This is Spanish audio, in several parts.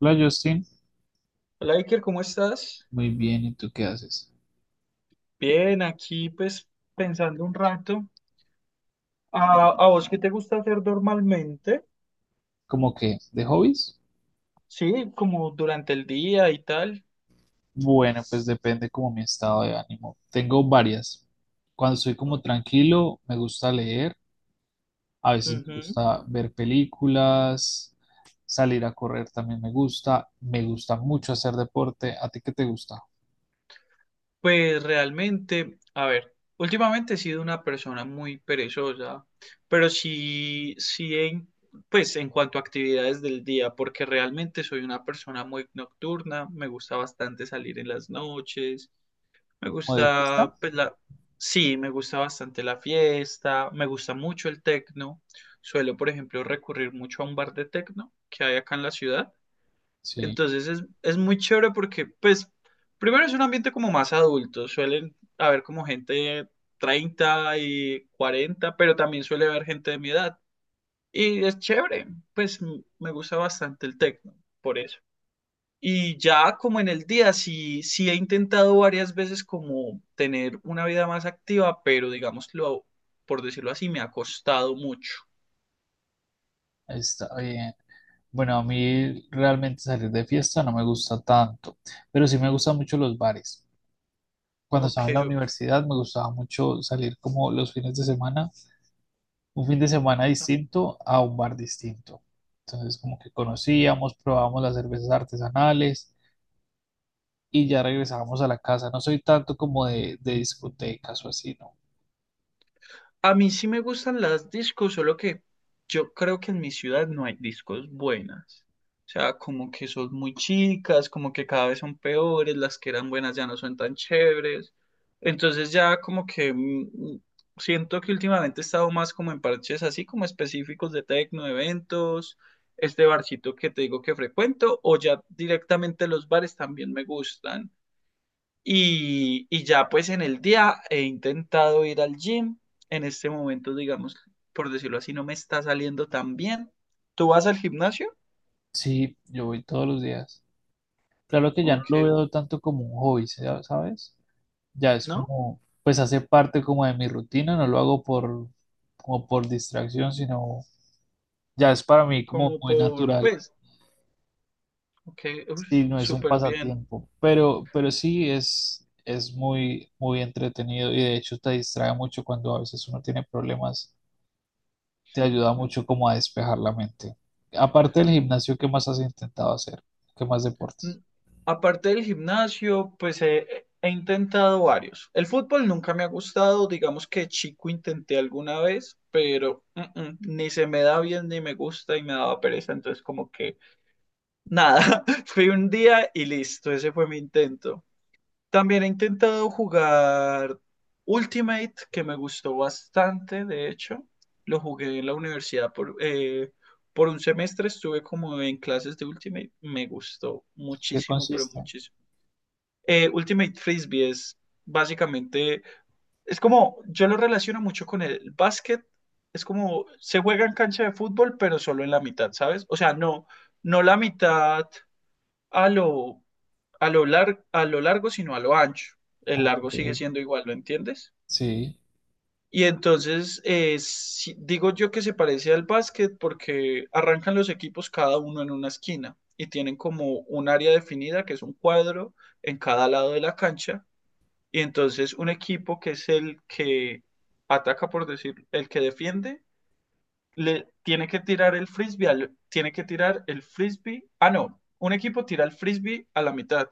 Hola Justin, Hola Iker, ¿cómo estás? muy bien, ¿y tú qué haces? Bien, aquí pues pensando un rato. ¿A, a vos qué te gusta hacer normalmente? ¿Cómo que de hobbies? Sí, como durante el día y tal. Bueno, pues depende como mi estado de ánimo. Tengo varias. Cuando estoy como Ok. tranquilo, me gusta leer, a veces me Ujú. gusta ver películas, salir a correr también me gusta mucho hacer deporte. ¿A ti qué te gusta? Pues realmente, a ver, últimamente he sido una persona muy perezosa, pero pues en cuanto a actividades del día, porque realmente soy una persona muy nocturna, me gusta bastante salir en las noches. Me ¿O de gusta, fiesta? pues sí, me gusta bastante la fiesta, me gusta mucho el tecno. Suelo, por ejemplo, recurrir mucho a un bar de tecno que hay acá en la ciudad. Sí, Entonces es muy chévere porque, pues, primero es un ambiente como más adulto. Suelen haber como gente de 30 y 40, pero también suele haber gente de mi edad. Y es chévere, pues me gusta bastante el tecno, por eso. Y ya como en el día, sí he intentado varias veces como tener una vida más activa, pero digámoslo, por decirlo así, me ha costado mucho. está bien. Bueno, a mí realmente salir de fiesta no me gusta tanto, pero sí me gustan mucho los bares. Cuando estaba Ok. en la universidad me gustaba mucho salir como los fines de semana, un fin de semana distinto a un bar distinto. Entonces como que conocíamos, probábamos las cervezas artesanales y ya regresábamos a la casa. No soy tanto como de discotecas o así, ¿no? A mí sí me gustan las discos, solo que yo creo que en mi ciudad no hay discos buenas. O sea, como que son muy chicas, como que cada vez son peores, las que eran buenas ya no son tan chéveres. Entonces ya como que siento que últimamente he estado más como en parches así como específicos de tecno, de eventos, este barcito que te digo que frecuento, o ya directamente los bares también me gustan. Y ya pues en el día he intentado ir al gym. En este momento, digamos, por decirlo así, no me está saliendo tan bien. ¿Tú vas al gimnasio? Sí, yo voy todos los días. Claro que ya ¿O no lo qué? veo tanto como un hobby, ¿sabes? Ya es ¿No? como, pues hace parte como de mi rutina, no lo hago por, como por distracción, sino ya es para mí como Como muy por, natural. pues, ok, uy, Sí, no es un súper bien. pasatiempo, pero sí es muy, muy entretenido y de hecho te distrae mucho cuando a veces uno tiene problemas, te ayuda Mm, mucho como a despejar la mente. Aparte del gimnasio, ¿qué más has intentado hacer? ¿Qué más mm. deportes? Aparte del gimnasio, pues he intentado varios. El fútbol nunca me ha gustado, digamos que chico intenté alguna vez, pero ni se me da bien ni me gusta y me daba pereza, entonces como que nada, fui un día y listo, ese fue mi intento. También he intentado jugar Ultimate, que me gustó bastante, de hecho. Lo jugué en la universidad por un semestre, estuve como en clases de Ultimate, me gustó ¿Qué muchísimo, pero consiste? muchísimo. Ultimate Frisbee es básicamente, es como, yo lo relaciono mucho con el básquet, es como, se juega en cancha de fútbol, pero solo en la mitad, ¿sabes? O sea, no, no la mitad a lo, a lo largo, sino a lo ancho. El largo Ok, sigue siendo igual, ¿lo entiendes? sí, Y entonces, digo yo que se parece al básquet porque arrancan los equipos cada uno en una esquina y tienen como un área definida que es un cuadro en cada lado de la cancha. Y entonces un equipo que es el que ataca, por decir, el que defiende, le tiene que tirar el tiene que tirar el frisbee. Ah, no, un equipo tira el frisbee a la mitad.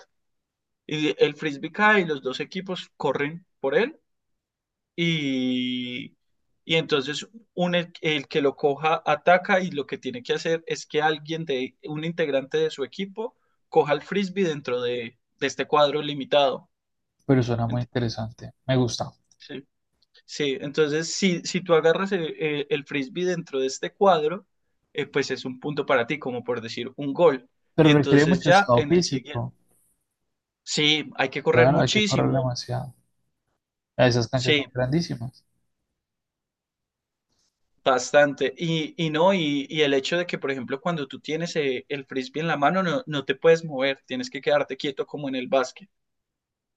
Y el frisbee cae y los dos equipos corren por él y, y entonces el que lo coja ataca y lo que tiene que hacer es que alguien de un integrante de su equipo coja el frisbee de este cuadro limitado. pero suena muy Ent- interesante, me gusta. Sí, sí, entonces si tú agarras el frisbee dentro de este cuadro, pues es un punto para ti, como por decir un gol. Y Pero requiere entonces mucho ya estado en el siguiente, físico, sí, hay que correr claro, hay que correr muchísimo, demasiado. Ah, esas canchas son sí, grandísimas. bastante. Y no, y el hecho de que, por ejemplo, cuando tú tienes el frisbee en la mano, no, no te puedes mover, tienes que quedarte quieto como en el básquet.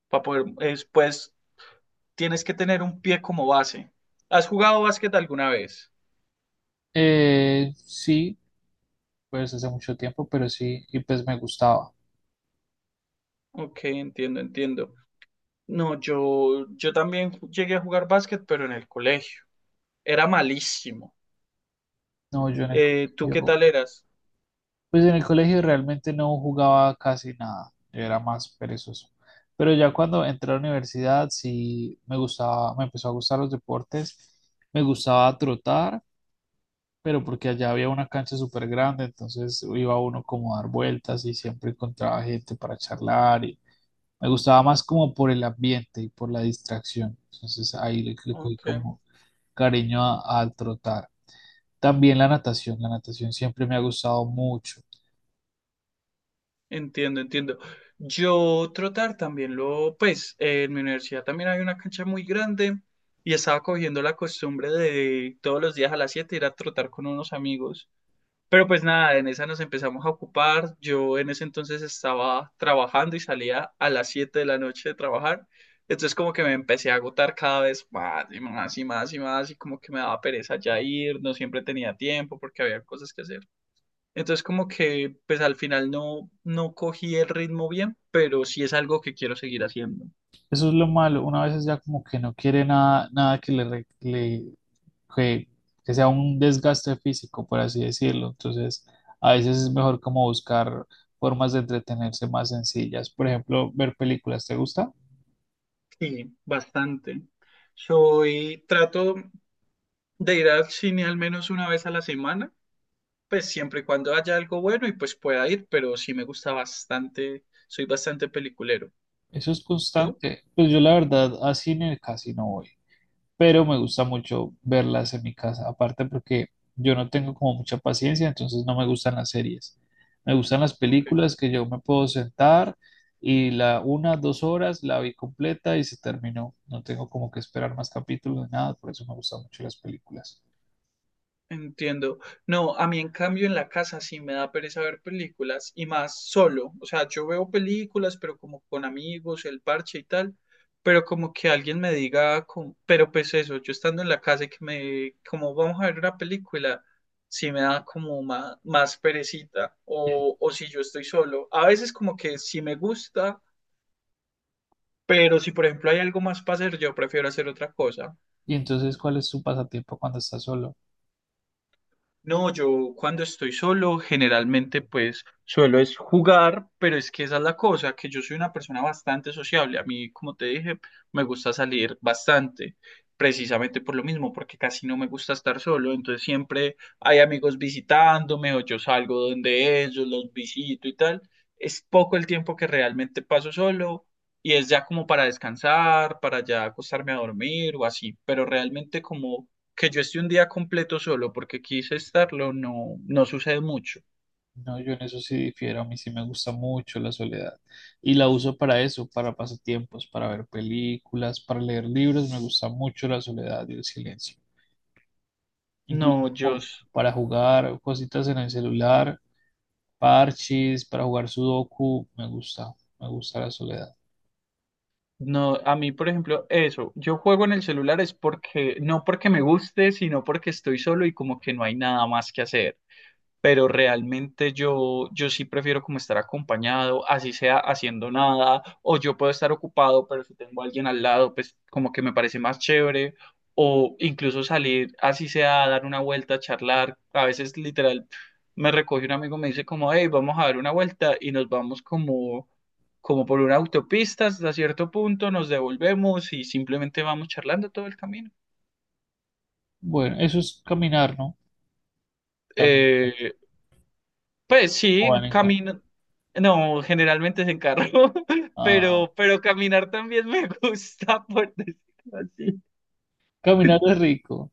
Para poder, es, pues, tienes que tener un pie como base. ¿Has jugado básquet alguna vez? Sí, pues hace mucho tiempo, pero sí, y pues me gustaba. Ok, entiendo, entiendo. No, yo también llegué a jugar básquet, pero en el colegio. Era malísimo. No, yo en el ¿Tú qué colegio, tal eras? pues en el colegio realmente no jugaba casi nada, yo era más perezoso. Pero ya cuando entré a la universidad sí me gustaba, me empezó a gustar los deportes, me gustaba trotar, pero porque allá había una cancha súper grande, entonces iba uno como a dar vueltas y siempre encontraba gente para charlar y me gustaba más como por el ambiente y por la distracción. Entonces ahí le, le cogí Ok. como cariño al trotar. También la natación siempre me ha gustado mucho. Entiendo, entiendo. Yo trotar también lo, pues en mi universidad también hay una cancha muy grande y estaba cogiendo la costumbre de todos los días a las 7 ir a trotar con unos amigos. Pero pues nada, en esa nos empezamos a ocupar. Yo en ese entonces estaba trabajando y salía a las 7 de la noche de trabajar. Entonces como que me empecé a agotar cada vez más y más y más y más y como que me daba pereza ya ir, no siempre tenía tiempo porque había cosas que hacer. Entonces como que pues al final no, no cogí el ritmo bien, pero sí es algo que quiero seguir haciendo. Eso es lo malo, una vez ya como que no quiere nada, nada que le, que, que sea un desgaste físico, por así decirlo. Entonces, a veces es mejor como buscar formas de entretenerse más sencillas. Por ejemplo, ver películas, ¿te gusta? Sí, bastante. Soy, trato de ir al cine al menos una vez a la semana, pues siempre y cuando haya algo bueno y pues pueda ir, pero sí me gusta bastante, soy bastante peliculero. Eso es ¿Tú? constante. Pues yo la verdad a cine casi no voy, pero me gusta mucho verlas en mi casa, aparte porque yo no tengo como mucha paciencia, entonces no me gustan las series. Me gustan las Ok. películas que yo me puedo sentar y la una, dos horas la vi completa y se terminó. No tengo como que esperar más capítulos ni nada, por eso me gustan mucho las películas. Entiendo. No, a mí en cambio en la casa sí me da pereza ver películas y más solo. O sea, yo veo películas, pero como con amigos, el parche y tal, pero como que alguien me diga, como- pero pues eso, yo estando en la casa y que me, como vamos a ver una película, sí me da como más, más perecita. Y O si yo estoy solo. A veces como que sí me gusta, pero si por ejemplo hay algo más para hacer, yo prefiero hacer otra cosa. y entonces, ¿cuál es tu pasatiempo cuando estás solo? No, yo cuando estoy solo, generalmente pues suelo es jugar, pero es que esa es la cosa, que yo soy una persona bastante sociable. A mí, como te dije, me gusta salir bastante, precisamente por lo mismo, porque casi no me gusta estar solo. Entonces siempre hay amigos visitándome o yo salgo donde ellos, los visito y tal. Es poco el tiempo que realmente paso solo y es ya como para descansar, para ya acostarme a dormir o así, pero realmente como que yo esté un día completo solo porque quise estarlo, no, no sucede mucho. No, yo en eso sí difiero, a mí sí me gusta mucho la soledad y la uso para eso, para pasatiempos, para ver películas, para leer libros, me gusta mucho la soledad y el silencio, incluso No, yo, como s- para jugar cositas en el celular, parches, para jugar sudoku, me gusta la soledad. no, a mí, por ejemplo, eso, yo juego en el celular es porque, no porque me guste, sino porque estoy solo y como que no hay nada más que hacer. Pero realmente yo sí prefiero como estar acompañado, así sea haciendo nada, o yo puedo estar ocupado, pero si tengo a alguien al lado, pues como que me parece más chévere, o incluso salir, así sea a dar una vuelta, a charlar, a veces literal me recoge un amigo, me dice como, hey, vamos a dar una vuelta y nos vamos como... como por una autopista hasta cierto punto, nos devolvemos y simplemente vamos charlando todo el camino. Bueno, eso es caminar, ¿no? También cuenta, Eh, Pues o sí, van en ca- camino. No, generalmente es en carro, Ah, pero caminar también me gusta, por decirlo así. caminar es rico.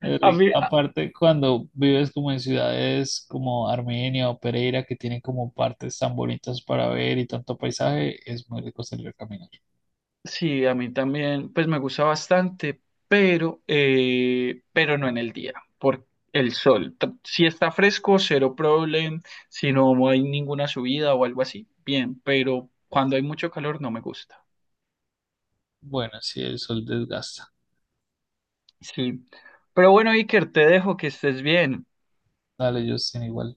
Es A rico. mí, a- Aparte, cuando vives como en ciudades como Armenia o Pereira, que tienen como partes tan bonitas para ver y tanto paisaje, es muy rico salir a caminar. sí, a mí también, pues me gusta bastante, pero no en el día, por el sol. Si está fresco, cero problema. Si no hay ninguna subida o algo así, bien, pero cuando hay mucho calor no me gusta. Bueno, sí, el sol desgasta. Sí. Pero bueno, Iker, te dejo que estés bien. Dale, Justin, igual.